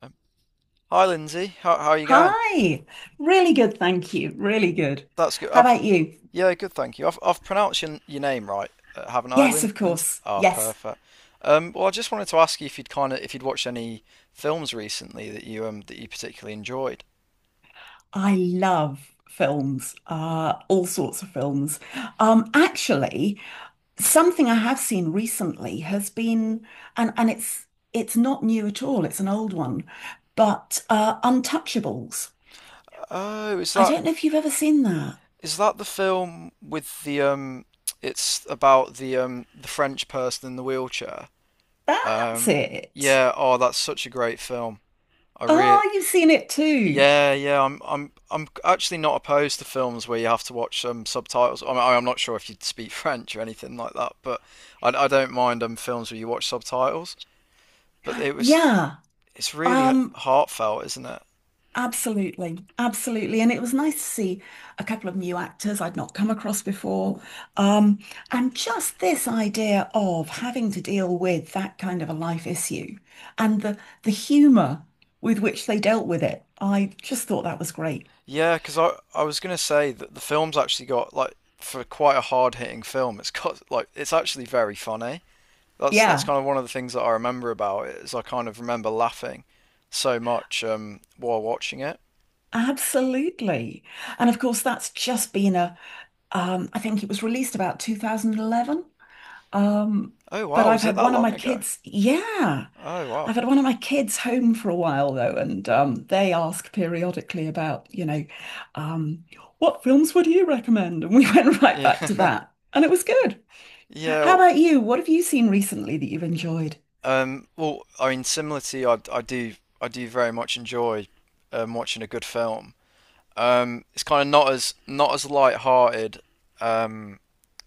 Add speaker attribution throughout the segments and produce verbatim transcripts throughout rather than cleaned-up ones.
Speaker 1: Um, Hi, Lindsay. How, how are you going?
Speaker 2: Hi. Really good, thank you. Really good.
Speaker 1: That's good.
Speaker 2: How
Speaker 1: I've,
Speaker 2: about you?
Speaker 1: yeah, good, thank you. I've, I've pronounced your, your name right, uh, haven't I,
Speaker 2: Yes,
Speaker 1: Lin,
Speaker 2: of
Speaker 1: Lindsay?
Speaker 2: course.
Speaker 1: Ah,
Speaker 2: Yes.
Speaker 1: perfect. Um, well, I just wanted to ask you if you'd kind of if you'd watched any films recently that you um that you particularly enjoyed.
Speaker 2: I love films, uh, all sorts of films. Um, actually, something I have seen recently has been, and and it's it's not new at all, it's an old one, but uh, Untouchables.
Speaker 1: Oh, is
Speaker 2: I
Speaker 1: that
Speaker 2: don't know if you've ever seen that.
Speaker 1: is that the film with the um? It's about the um the French person in the wheelchair.
Speaker 2: That's
Speaker 1: Um,
Speaker 2: it.
Speaker 1: yeah. Oh, that's such a great film. I really
Speaker 2: Oh, you've seen it too.
Speaker 1: Yeah, yeah, I'm I'm I'm actually not opposed to films where you have to watch um subtitles. I mean, I'm not sure if you speak French or anything like that, but I, I don't mind um films where you watch subtitles. But it was
Speaker 2: Yeah.
Speaker 1: It's really h-
Speaker 2: Um,
Speaker 1: heartfelt, isn't it?
Speaker 2: Absolutely, absolutely. And it was nice to see a couple of new actors I'd not come across before. Um, and just this idea of having to deal with that kind of a life issue and the the humor with which they dealt with it. I just thought that was great.
Speaker 1: Yeah, because I I was gonna say that the film's actually got like, for quite a hard-hitting film, it's got like it's actually very funny. That's that's
Speaker 2: Yeah,
Speaker 1: kind of one of the things that I remember about it, is I kind of remember laughing so much um while watching it.
Speaker 2: absolutely. And of course, that's just been a um, I think it was released about two thousand eleven. Um,
Speaker 1: Oh
Speaker 2: but
Speaker 1: wow,
Speaker 2: I've
Speaker 1: was it
Speaker 2: had
Speaker 1: that
Speaker 2: one of my
Speaker 1: long ago?
Speaker 2: kids, yeah.
Speaker 1: Oh wow.
Speaker 2: I've had one of my kids home for a while though, and um, they ask periodically about, you know, um, what films would you recommend? And we went right back to
Speaker 1: Yeah,
Speaker 2: that, and it was good.
Speaker 1: yeah.
Speaker 2: How
Speaker 1: W-
Speaker 2: about you? What have you seen recently that you've enjoyed?
Speaker 1: Um, well, I mean, similar to you, I, I do, I do very much enjoy um, watching a good film. Um, it's kind of not as not as light-hearted um,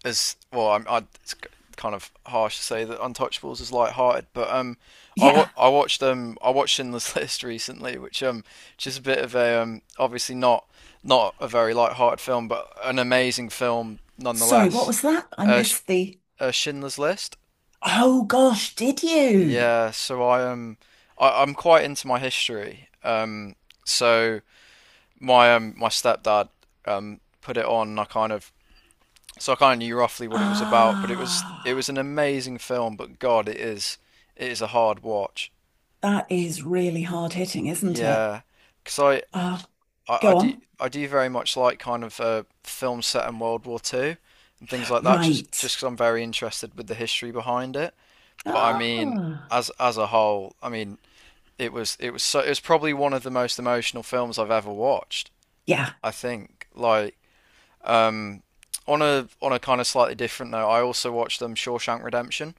Speaker 1: as well. I'm, I, it's k- kind of harsh to say that Untouchables is light-hearted, but um, I wa
Speaker 2: Yeah.
Speaker 1: I watched um I watched Schindler's List recently, which um which is a bit of a um obviously not not a very light-hearted film, but an amazing film
Speaker 2: Sorry, what
Speaker 1: nonetheless.
Speaker 2: was that? I
Speaker 1: Uh, Sh-
Speaker 2: missed the.
Speaker 1: uh, Schindler's List.
Speaker 2: Oh gosh, did you?
Speaker 1: Yeah, so I am I, I'm quite into my history. Um, so my um my stepdad um put it on, and I kind of so I kind of knew roughly what it was about, but it was it was
Speaker 2: Ah,
Speaker 1: an amazing film, but God, it is it is a hard watch.
Speaker 2: that is really hard hitting, isn't it?
Speaker 1: Yeah, because I,
Speaker 2: Ah,
Speaker 1: I I
Speaker 2: go
Speaker 1: do
Speaker 2: on.
Speaker 1: I do very much like kind of uh, films set in World War Two and things like that, just
Speaker 2: Right.
Speaker 1: just 'cause I'm very interested with the history behind it. But I mean,
Speaker 2: Ah,
Speaker 1: as as a whole, I mean, it was it was, so it was probably one of the most emotional films I've ever watched.
Speaker 2: yeah.
Speaker 1: I think like, um, on a on a kind of slightly different note, I also watched um, Shawshank Redemption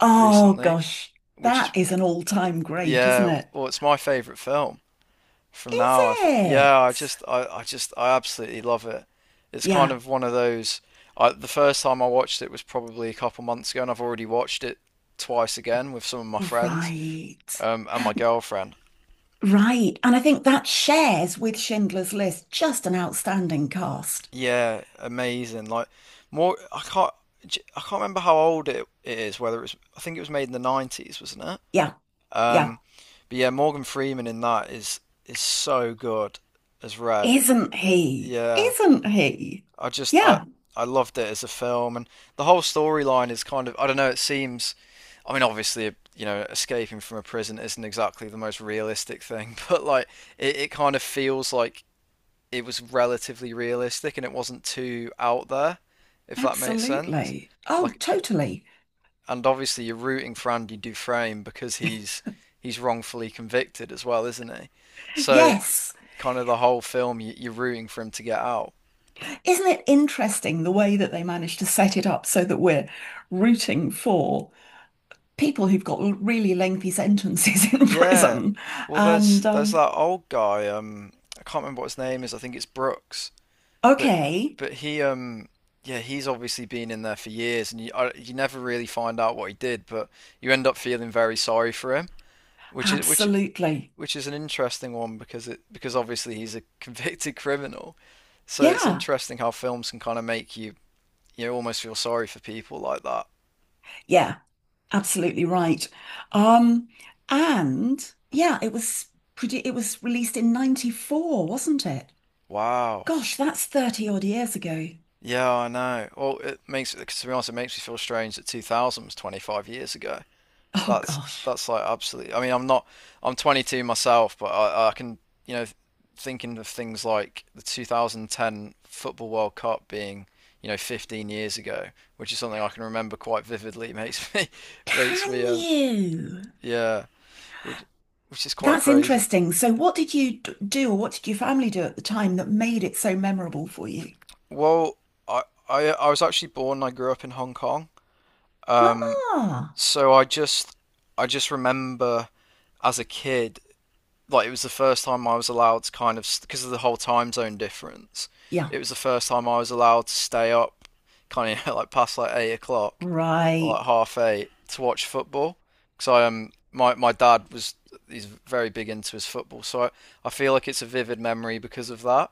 Speaker 2: Oh
Speaker 1: recently,
Speaker 2: gosh,
Speaker 1: which is,
Speaker 2: that is an all-time great, isn't
Speaker 1: yeah,
Speaker 2: it?
Speaker 1: well, it's my favorite film from
Speaker 2: Is
Speaker 1: now. I th- yeah, I
Speaker 2: it?
Speaker 1: just I, I just I absolutely love it. It's kind
Speaker 2: Yeah.
Speaker 1: of one of those. I, the first time I watched it was probably a couple months ago, and I've already watched it twice again with some of my friends,
Speaker 2: Right.
Speaker 1: um, and my girlfriend.
Speaker 2: Right. And I think that shares with Schindler's List just an outstanding cast.
Speaker 1: Yeah, amazing. Like more, I can't, j- I can't remember how old it, it is. Whether it's, I think it was made in the nineties, wasn't it?
Speaker 2: Yeah.
Speaker 1: Um,
Speaker 2: Yeah.
Speaker 1: but yeah, Morgan Freeman in that is is so good as Red.
Speaker 2: Isn't he?
Speaker 1: Yeah,
Speaker 2: Isn't he?
Speaker 1: I just I
Speaker 2: Yeah.
Speaker 1: I loved it as a film, and the whole storyline is kind of, I don't know. It seems, I mean, obviously, you know, escaping from a prison isn't exactly the most realistic thing, but like, it, it kind of feels like it was relatively realistic and it wasn't too out there, if that makes sense.
Speaker 2: Absolutely. Oh,
Speaker 1: Like,
Speaker 2: totally.
Speaker 1: and obviously you're rooting for Andy Dufresne because he's he's wrongfully convicted as well, isn't he? So
Speaker 2: Yes.
Speaker 1: kind of the whole film you, you're rooting for him to get out.
Speaker 2: Isn't it interesting the way that they managed to set it up so that we're rooting for people who've got l- really lengthy sentences in
Speaker 1: Yeah.
Speaker 2: prison?
Speaker 1: Well,
Speaker 2: And
Speaker 1: there's there's
Speaker 2: um,
Speaker 1: that old guy. Um, I can't remember what his name is. I think it's Brooks. But
Speaker 2: okay,
Speaker 1: but he um, yeah, he's obviously been in there for years, and you I, you never really find out what he did, but you end up feeling very sorry for him, which is which
Speaker 2: absolutely.
Speaker 1: which is an interesting one, because it because obviously he's a convicted criminal, so it's
Speaker 2: Yeah,
Speaker 1: interesting how films can kind of make you, you know, almost feel sorry for people like that.
Speaker 2: yeah, absolutely right. Um, and yeah, it was produ- it was released in ninety-four, wasn't it?
Speaker 1: Wow.
Speaker 2: Gosh, that's thirty odd years ago.
Speaker 1: Yeah, I know. Well, it makes to be honest, it makes me feel strange that two thousand was twenty-five years ago.
Speaker 2: Oh
Speaker 1: That's
Speaker 2: gosh.
Speaker 1: that's like, absolutely. I mean, I'm not. I'm twenty-two myself, but I, I can, you know, thinking of things like the twenty ten Football World Cup being, you know, fifteen years ago, which is something I can remember quite vividly. It makes me makes
Speaker 2: Can
Speaker 1: me um
Speaker 2: you?
Speaker 1: yeah, which which is quite
Speaker 2: That's
Speaker 1: crazy.
Speaker 2: interesting. So, what did you d- do, or what did your family do at the time that made it so memorable for you?
Speaker 1: Well, I I, I was actually born and I grew up in Hong Kong. Um,
Speaker 2: Ah,
Speaker 1: so I just I just remember, as a kid, like it was the first time I was allowed to, kind of, because of the whole time zone difference.
Speaker 2: yeah,
Speaker 1: It was the first time I was allowed to stay up, kind of like past like eight o'clock, or like
Speaker 2: right.
Speaker 1: half eight to watch football. Because I um my my dad was, he's very big into his football, so I, I feel like it's a vivid memory because of that.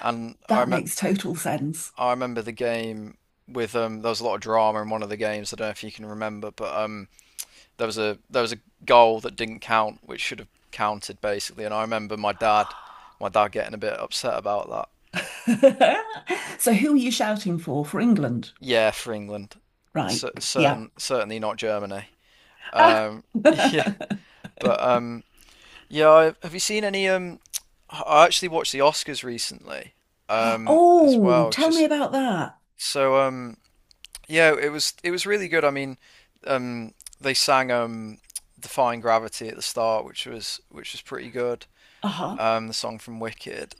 Speaker 1: And I
Speaker 2: That
Speaker 1: rem-
Speaker 2: makes total sense.
Speaker 1: I remember the game with, um there was a lot of drama in one of the games. I don't know if you can remember, but um, there was a there was a goal that didn't count, which should have counted, basically. And I remember my dad, my dad getting a bit upset about that.
Speaker 2: So, who are you shouting for? For England,
Speaker 1: Yeah, for England,
Speaker 2: right?
Speaker 1: C-
Speaker 2: Yeah.
Speaker 1: certain certainly not Germany.
Speaker 2: Ah.
Speaker 1: Um, yeah, but um, yeah, I, have you seen any? Um, I actually watched the Oscars recently, um, as
Speaker 2: Oh,
Speaker 1: well.
Speaker 2: tell me
Speaker 1: Just
Speaker 2: about that.
Speaker 1: so um, yeah, it was it was really good. I mean, um, they sang um, "Defying Gravity" at the start, which was which was pretty good.
Speaker 2: Uh-huh.
Speaker 1: Um, the song from Wicked.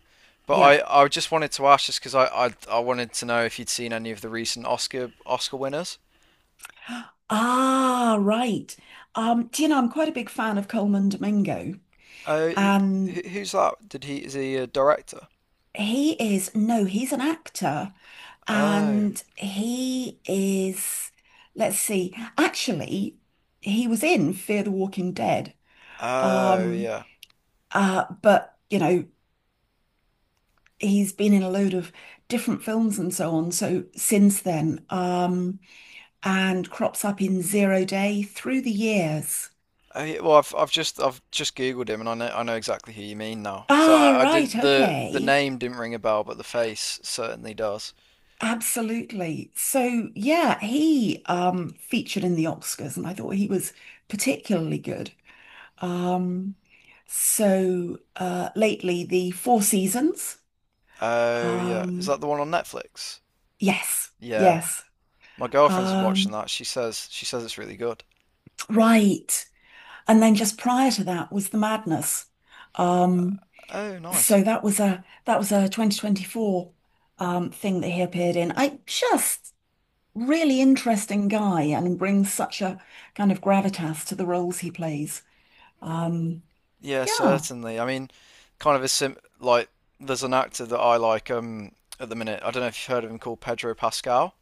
Speaker 1: But
Speaker 2: Yeah.
Speaker 1: I, I just wanted to ask just because I, I I wanted to know if you'd seen any of the recent Oscar Oscar winners.
Speaker 2: Ah, right. Um, do you know, I'm quite a big fan of Coleman Domingo,
Speaker 1: Uh, who,
Speaker 2: and
Speaker 1: who's that? Did he, is he a director?
Speaker 2: he is, no, he's an actor.
Speaker 1: Oh,
Speaker 2: And he is, let's see, actually, he was in Fear the Walking Dead.
Speaker 1: oh
Speaker 2: Um,
Speaker 1: yeah.
Speaker 2: uh, but, you know, he's been in a load of different films and so on. So since then, um, and crops up in Zero Day through the years.
Speaker 1: Oh, yeah, well, I've I've just I've just Googled him, and I know I know exactly who you mean now. So
Speaker 2: Ah,
Speaker 1: I, I
Speaker 2: right.
Speaker 1: didn't, the the
Speaker 2: Okay.
Speaker 1: name didn't ring a bell, but the face certainly does.
Speaker 2: Absolutely. So yeah, he um featured in the Oscars and I thought he was particularly good. Um, so uh, lately, the Four Seasons.
Speaker 1: Oh yeah, is
Speaker 2: Um,
Speaker 1: that the one on Netflix?
Speaker 2: yes,
Speaker 1: Yeah,
Speaker 2: yes.
Speaker 1: my girlfriend's been watching
Speaker 2: Um,
Speaker 1: that. She says she says it's really good.
Speaker 2: right. And then just prior to that was The Madness. Um,
Speaker 1: Oh, nice.
Speaker 2: so that was a that was a twenty twenty-four um, thing that he appeared in. I just really interesting guy and brings such a kind of gravitas to the roles he plays. Um,
Speaker 1: Yeah,
Speaker 2: yeah.
Speaker 1: certainly. I mean, kind of a sim like there's an actor that I like um at the minute. I don't know if you've heard of him, called Pedro Pascal.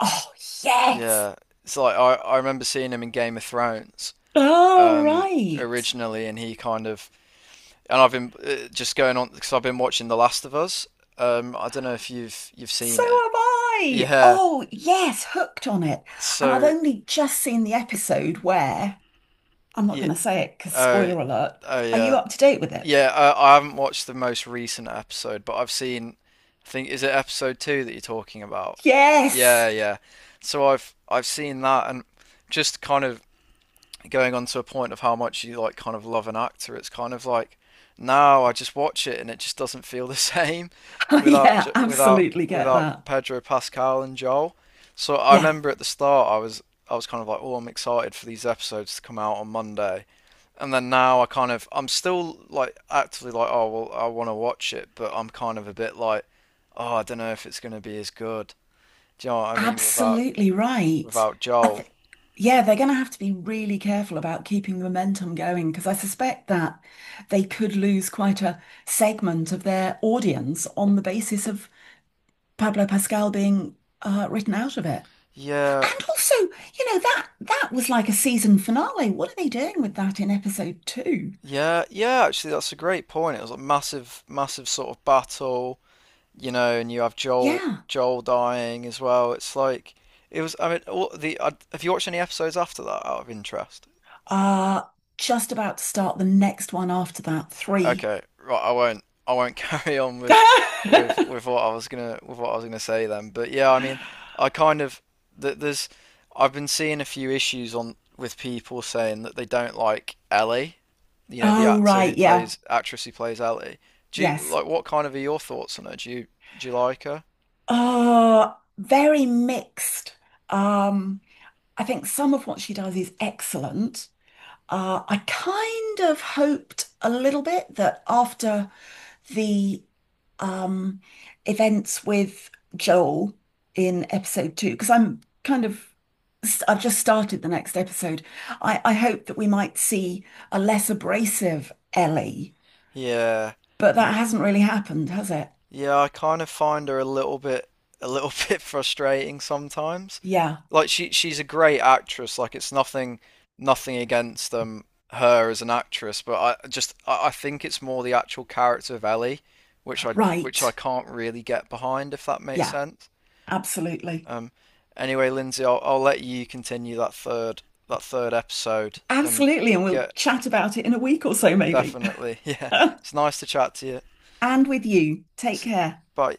Speaker 2: Oh, yes.
Speaker 1: Yeah. It's like, I, I remember seeing him in Game of Thrones
Speaker 2: Oh,
Speaker 1: um
Speaker 2: right.
Speaker 1: originally, and he kind of and I've been uh, just going on because I've been watching The Last of Us. Um, I don't know if you've you've
Speaker 2: So
Speaker 1: seen it.
Speaker 2: am I.
Speaker 1: Yeah.
Speaker 2: Oh, yes, hooked on it. And I've
Speaker 1: So
Speaker 2: only just seen the episode where I'm not
Speaker 1: yeah,
Speaker 2: going to say it because
Speaker 1: oh
Speaker 2: spoiler alert.
Speaker 1: oh
Speaker 2: Are you
Speaker 1: yeah.
Speaker 2: up to date with it?
Speaker 1: Yeah, I, I haven't watched the most recent episode, but I've seen. I think is it episode two that you're talking about?
Speaker 2: Yes.
Speaker 1: Yeah, yeah. So I've I've seen that, and just kind of going on to a point of how much you like, kind of, love an actor. It's kind of like, now I just watch it, and it just doesn't feel the same
Speaker 2: Oh,
Speaker 1: without
Speaker 2: yeah,
Speaker 1: J- without
Speaker 2: absolutely get
Speaker 1: without
Speaker 2: that.
Speaker 1: Pedro Pascal and Joel. So I
Speaker 2: Yeah,
Speaker 1: remember at the start, I was I was kind of like, oh, I'm excited for these episodes to come out on Monday, and then now I kind of, I'm still like actively like, oh, well, I want to watch it, but I'm kind of a bit like, oh, I don't know if it's going to be as good. Do you know what I mean? Without
Speaker 2: absolutely right.
Speaker 1: without
Speaker 2: I
Speaker 1: Joel,
Speaker 2: think, yeah, they're going to have to be really careful about keeping momentum going because I suspect that they could lose quite a segment of their audience on the basis of Pablo Pascal being uh, written out of it.
Speaker 1: yeah,
Speaker 2: And also, you know, that that was like a season finale. What are they doing with that in episode two?
Speaker 1: yeah, yeah. Actually, that's a great point. It was a massive, massive sort of battle, you know, and you have Joel
Speaker 2: Yeah.
Speaker 1: Joel dying as well. It's like it was. I mean, all the I, have you watched any episodes after that, out of interest?
Speaker 2: Uh, just about to start the next one after that, three.
Speaker 1: Okay, right. I won't. I won't carry on with with with what I was gonna with what I was gonna say then. But yeah, I mean, I kind of th there's I've been seeing a few issues on with people saying that they don't like Ellie, you know, the
Speaker 2: Oh
Speaker 1: actor
Speaker 2: right,
Speaker 1: who
Speaker 2: yeah.
Speaker 1: plays, actress who plays Ellie. Do you
Speaker 2: Yes.
Speaker 1: like what kind of are your thoughts on her? Do you do you like her?
Speaker 2: Uh, very mixed. Um, I think some of what she does is excellent. Uh, I kind of hoped a little bit that after the um events with Joel in episode two because I'm kind of I've just started the next episode. I, I hope that we might see a less abrasive Ellie,
Speaker 1: Yeah.
Speaker 2: but that hasn't really happened, has it?
Speaker 1: Yeah, I kind of find her a little bit, a little bit frustrating sometimes.
Speaker 2: Yeah,
Speaker 1: Like, she she's a great actress. Like, it's nothing, nothing against um her as an actress, but I just I, I think it's more the actual character of Ellie, which I which I
Speaker 2: right.
Speaker 1: can't really get behind, if that makes
Speaker 2: Yeah,
Speaker 1: sense.
Speaker 2: absolutely.
Speaker 1: Um, anyway, Lindsay, I'll I'll let you continue that third that third episode and
Speaker 2: Absolutely. And we'll
Speaker 1: get,
Speaker 2: chat about it in a week or so, maybe.
Speaker 1: definitely. Yeah. It's nice to chat to you.
Speaker 2: And with you, take
Speaker 1: S-
Speaker 2: care.
Speaker 1: Bye.